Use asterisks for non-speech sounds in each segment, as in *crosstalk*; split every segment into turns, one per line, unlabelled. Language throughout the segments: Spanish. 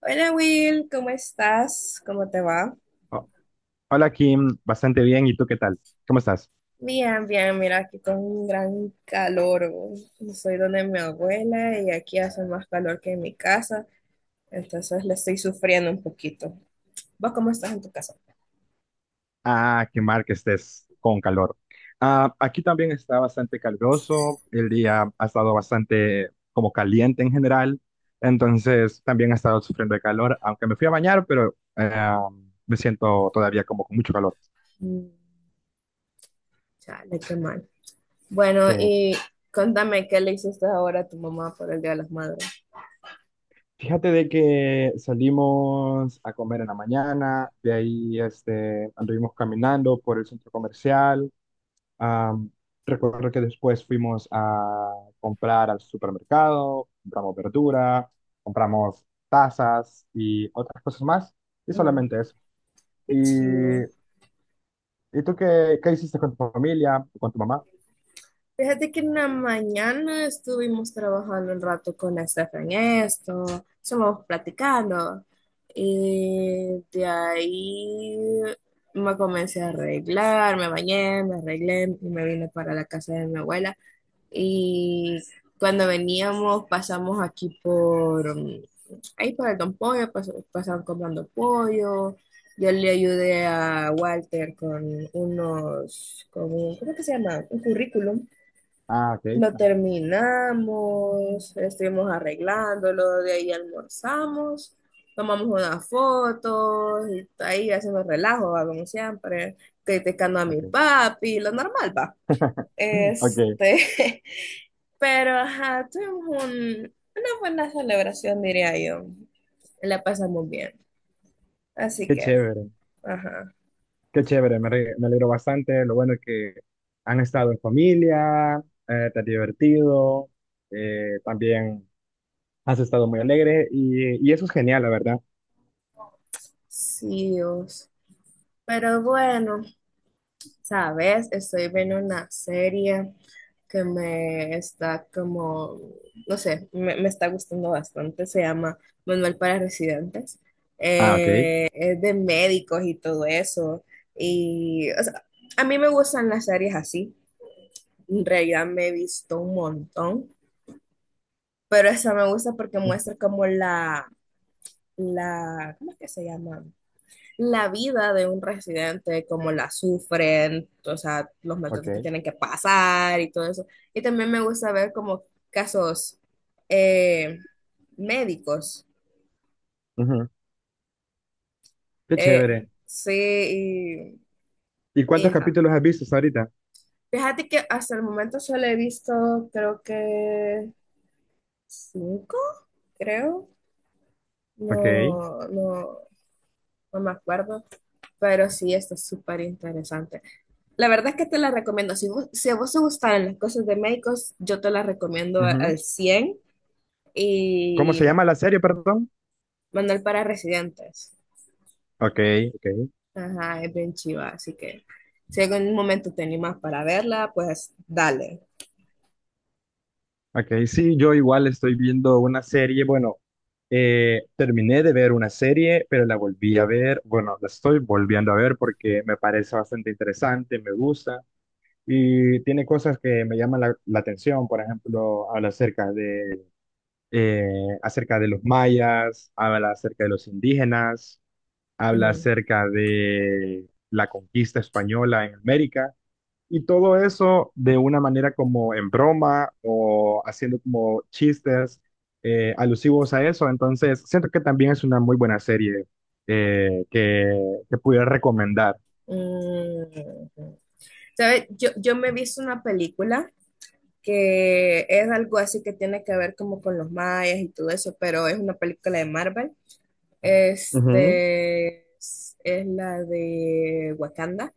Hola Will, ¿cómo estás? ¿Cómo te va?
Oh, hola Kim, bastante bien. ¿Y tú qué tal? ¿Cómo estás?
Bien, bien, mira, aquí con un gran calor. Soy donde mi abuela y aquí hace más calor que en mi casa, entonces le estoy sufriendo un poquito. ¿Vos cómo estás en tu casa?
Ah, qué mal que estés con calor. Ah, aquí también está bastante caluroso. El día ha estado bastante como caliente en general. Entonces también he estado sufriendo de calor, aunque me fui a bañar, pero me siento todavía como con mucho calor.
Mm, chale, qué mal. Bueno,
Sí.
y contame qué le hiciste ahora a tu mamá por el Día de las Madres.
Fíjate de que salimos a comer en la mañana, de ahí este, anduvimos caminando por el centro comercial. Am, Recuerdo que después fuimos a comprar al supermercado, compramos verdura, compramos tazas y otras cosas más, y
Mm,
solamente eso.
qué chido.
¿Y, ¿y tú qué, qué hiciste con tu familia, con tu mamá?
Fíjate que en la mañana estuvimos trabajando un rato con Estefan en esto, estuvimos platicando y de ahí me comencé a arreglar, me bañé, me arreglé y me vine para la casa de mi abuela y cuando veníamos pasamos aquí por ahí por el Don Pollo, pasaban comprando pollo, yo le ayudé a Walter con unos, con un, ¿cómo que se llama? Un currículum
Ah, ok,
lo terminamos, estuvimos arreglándolo, de ahí almorzamos, tomamos unas fotos, y ahí hacemos relajo, va, como siempre, criticando a mi
ok.
papi, lo normal, va.
*laughs* Ok,
Este, *laughs* pero ajá, tuvimos una buena celebración, diría yo. La pasamos bien. Así
qué
que,
chévere,
ajá,
qué chévere, me, re- me alegro bastante. Lo bueno es que han estado en familia, te has divertido, también has estado muy alegre y eso es genial, la verdad.
sí, Dios. Pero bueno. Sabes, estoy viendo una serie que me está no sé, me está gustando bastante. Se llama Manual para Residentes.
Ah, ok.
Es de médicos y todo eso. Y, o sea, a mí me gustan las series así. En realidad me he visto un montón, pero esa me gusta porque muestra como la, ¿cómo es que se llama? La vida de un residente, cómo la sufren, o sea, los
Ok.
maltratos que tienen que pasar y todo eso. Y también me gusta ver como casos eh, médicos.
Ujú. Qué
Eh,
chévere.
sí,
¿Y
y
cuántos
ajá.
capítulos has visto hasta ahorita?
Fíjate que hasta el momento solo he visto, creo que cinco, creo.
Ok.
No, no, no me acuerdo, pero sí, está súper interesante. La verdad es que te la recomiendo. Si, si a vos te gustan las cosas de médicos, yo te las recomiendo al
Ujú.
cien
¿Cómo se
y
llama la serie, perdón?
Manual para residentes.
Ok, ok,
Ajá, es bien chiva, así que si en algún momento te animas para verla, pues dale.
ok. Sí, yo igual estoy viendo una serie. Bueno, terminé de ver una serie, pero la volví a ver. Bueno, la estoy volviendo a ver porque me parece bastante interesante, me gusta y tiene cosas que me llaman la, la atención. Por ejemplo, habla eh, acerca de los mayas, habla acerca de los indígenas, habla
Ujú.
acerca de la conquista española en América y todo eso de una manera como en broma o haciendo como chistes alusivos a eso. Entonces, siento que también es una muy buena serie que pudiera recomendar.
Mm. ¿Sabes? Yo me he visto una película que es algo así que tiene que ver como con los mayas y todo eso, pero es una película de Marvel. Este es la de Wakanda.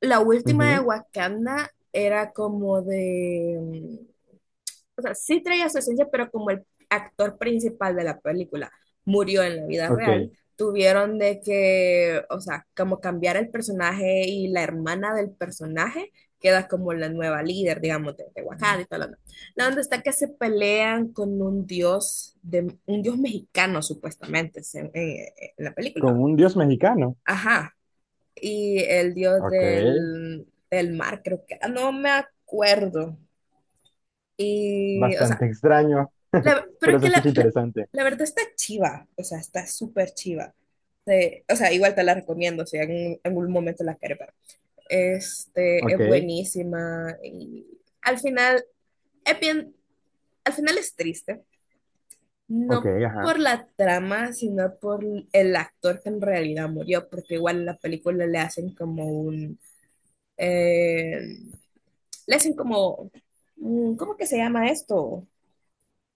La
Ujú,
última de
ujú.
Wakanda era como de, o sea, sí traía su esencia, pero como el actor principal de la película murió en la vida real,
Ok,
tuvieron de que, o sea, como cambiar el personaje y la hermana del personaje queda como la nueva líder, digamos, de Wakanda y todo lo demás. La onda está que se pelean con un dios, de, un dios mexicano supuestamente, en la
con
película.
un dios mexicano.
Ajá y el dios
Ok,
del, del mar, creo que, era. No me acuerdo. Y, o sea,
bastante extraño, *laughs*
pero es
pero se
que
escucha interesante.
la verdad está chiva, o sea, está súper chiva. Sí, o sea, igual te la recomiendo, si en algún momento la quieres ver. Este,
Ok,
es buenísima y al final, es bien- al final es triste,
ok,
no
ajá.
por la trama, sino por el actor que en realidad murió, porque igual en la película le hacen como un, eh, le hacen como, ¿cómo que se llama esto?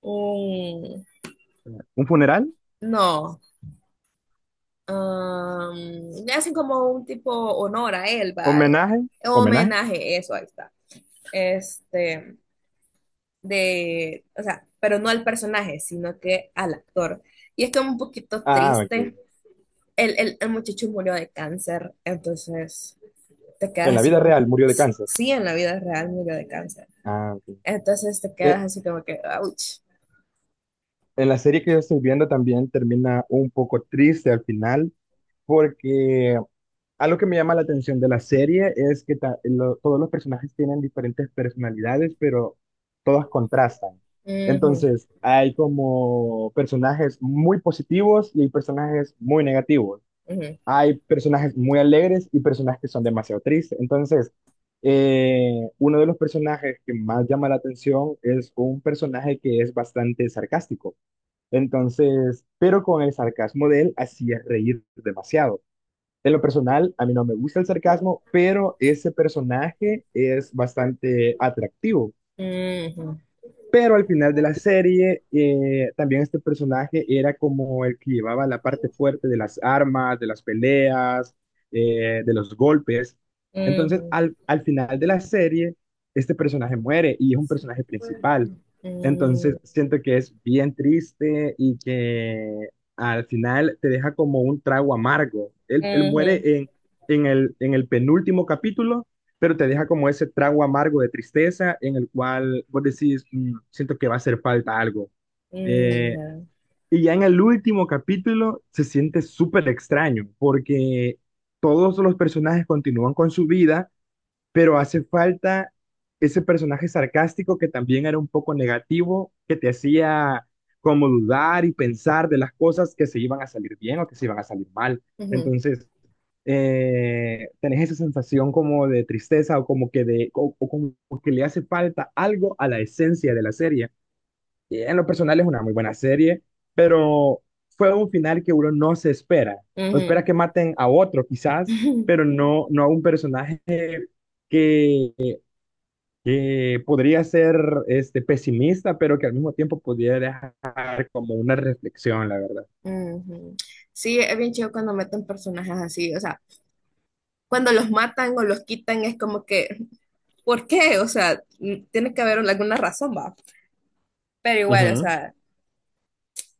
Un,
¿Un funeral?
no, am, le hacen como un tipo honor a él, va, de,
¿Homenaje? ¿Homenaje?
homenaje, eso, ahí está. Este, de, o sea, pero no al personaje, sino que al actor. Y es como un poquito
Ah, ok.
triste. El muchacho murió de cáncer, entonces te
En
quedas
la
así
vida
como,
real murió de cáncer.
sí, en la vida real murió de cáncer.
Ah, ok.
Entonces te quedas
Eh,
así como que, ouch.
en la serie que yo estoy viendo también termina un poco triste al final, porque algo que me llama la atención de la serie es que ta- lo- todos los personajes tienen diferentes personalidades, pero todas contrastan.
Ujú,
Entonces, hay como personajes muy positivos y hay personajes muy negativos,
ujú,
hay personajes muy alegres y personajes que son demasiado tristes. Entonces, uno de los personajes que más llama la atención es un personaje que es bastante sarcástico. Entonces, pero con el sarcasmo de él hacía reír demasiado. En lo personal, a mí no me gusta el sarcasmo, pero ese personaje es bastante atractivo.
ujú,
Pero al final de la serie, también este personaje era como el que llevaba la parte fuerte de las armas, de las peleas, de los golpes. Entonces,
ujú,
al, al final de la serie, este personaje muere y es un personaje principal. Entonces,
ujú,
siento que es bien triste y que al final te deja como un trago amargo. Él
ujú,
muere en el penúltimo capítulo, pero te deja como ese trago amargo de tristeza en el cual vos decís, "Mm, siento que va a hacer falta algo. Eh,
ujú,
y ya en el último capítulo se siente súper extraño porque todos los personajes continúan con su vida, pero hace falta ese personaje sarcástico que también era un poco negativo, que te hacía como dudar y pensar de las cosas que se iban a salir bien o que se iban a salir mal.
ujú,
Entonces, tenés esa sensación como de tristeza o como que, de, o como que le hace falta algo a la esencia de la serie. Y en lo personal es una muy buena serie, pero fue un final que uno no se espera. No
ujú.
espera que maten a otro quizás,
Ujú,
pero no, no a un personaje que, que podría ser este, pesimista, pero que al mismo tiempo pudiera dejar como una reflexión, la verdad.
ujú. Sí, es bien chido cuando meten personajes así, o sea, cuando los matan o los quitan es como que, ¿por qué? O sea, mm, tiene que haber alguna razón, va. Pero igual, o
Ujú.
sea,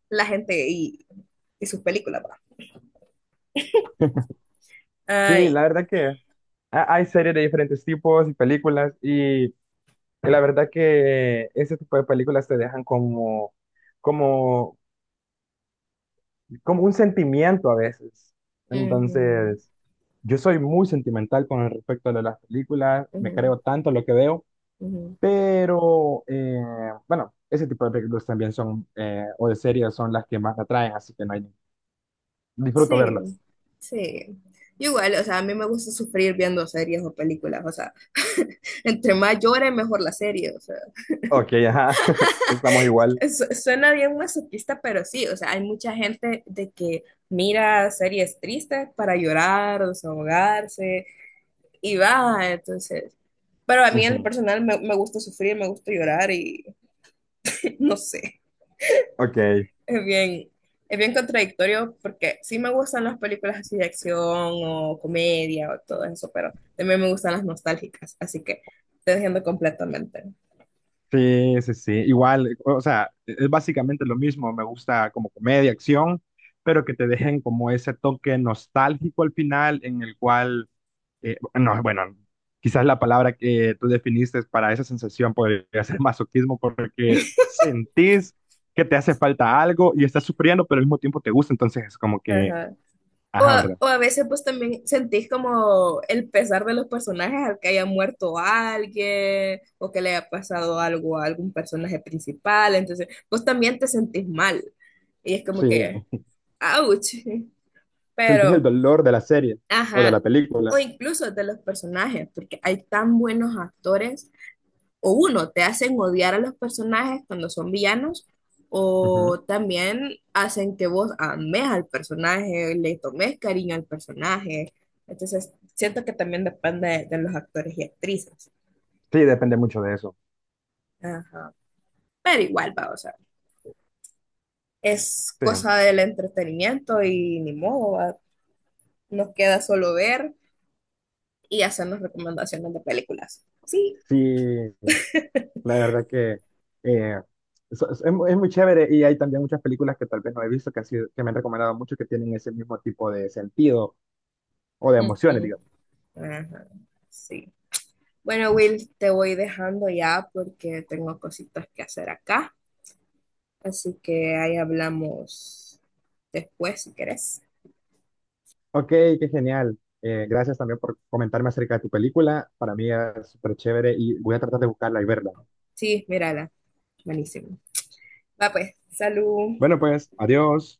la gente y sus películas, va. Ah,
Sí, la verdad que ha- hay series de diferentes tipos y películas y la verdad que ese tipo de películas te dejan como, como, como un sentimiento a veces.
ujú,
Entonces, yo soy muy sentimental con el respecto de las películas, me
ujú,
creo tanto lo que veo,
ujú.
pero bueno, ese tipo de películas también son, o de series son las que más me atraen, así que no hay- disfruto
Sí,
verlas.
sí. Igual, o sea, a mí me gusta sufrir viendo series o películas, o sea, entre más llore, mejor la serie, o sea,
Ok, ajá, *laughs* estamos igual.
Suena bien masoquista, pero sí, o sea, hay mucha gente de que mira series tristes para llorar, desahogarse, y va, entonces, pero a mí en lo
Ujú.
personal me gusta sufrir, me gusta llorar y *laughs* no sé.
Ok.
Es bien, es bien contradictorio porque sí me gustan las películas así de acción o comedia o todo eso, pero también me gustan las nostálgicas, así que te entiendo completamente.
Sí, sí, sí. Igual, o sea, e, es básicamente lo mismo. Me gusta como comedia, acción, pero que te dejen como ese toque nostálgico al final, en el cual, no, bueno, quizás la palabra que tú definiste para esa sensación podría ser *laughs* masoquismo, porque sentís que te hace falta algo y estás sufriendo, pero al mismo tiempo te gusta. Entonces es como que,
Ajá. O,
ajá, ¿verdad?
o a veces pues también sentís como el pesar de los personajes al que haya muerto alguien o que le haya pasado algo a algún personaje principal, entonces pues también te sentís mal y es
Sí,
como que, ouch,
sentís el
pero...
dolor de la serie o de
Ajá,
la
o
película.
incluso de los personajes, porque hay tan buenos actores, o uno, te hacen odiar a los personajes cuando son villanos,
Ujú.
o también hacen que vos ames al personaje, le tomes cariño al personaje. Entonces, siento que también depende de los actores y actrices.
Sí, depende mucho de eso.
Ajá. Pero igual, va, o sea, es
Sí.
cosa del entretenimiento y ni modo, va. Nos queda solo ver y hacernos recomendaciones de películas. Sí.
Sí, la verdad que eh, es mu- es muy chévere y hay también muchas películas que tal vez no he visto que, han sido- que me han recomendado mucho que tienen ese mismo tipo de sentido o de emociones,
Ujú.
digamos.
Ajá, sí. Bueno, Will, te voy dejando ya porque tengo cositas que hacer acá. Así que ahí hablamos después si querés.
Ok, qué genial. Gracias también por comentarme acerca de tu película. Para mí es súper chévere y voy a tratar de buscarla y verla.
Sí, mírala. Buenísimo. Va pues, salud.
Bueno, pues, adiós.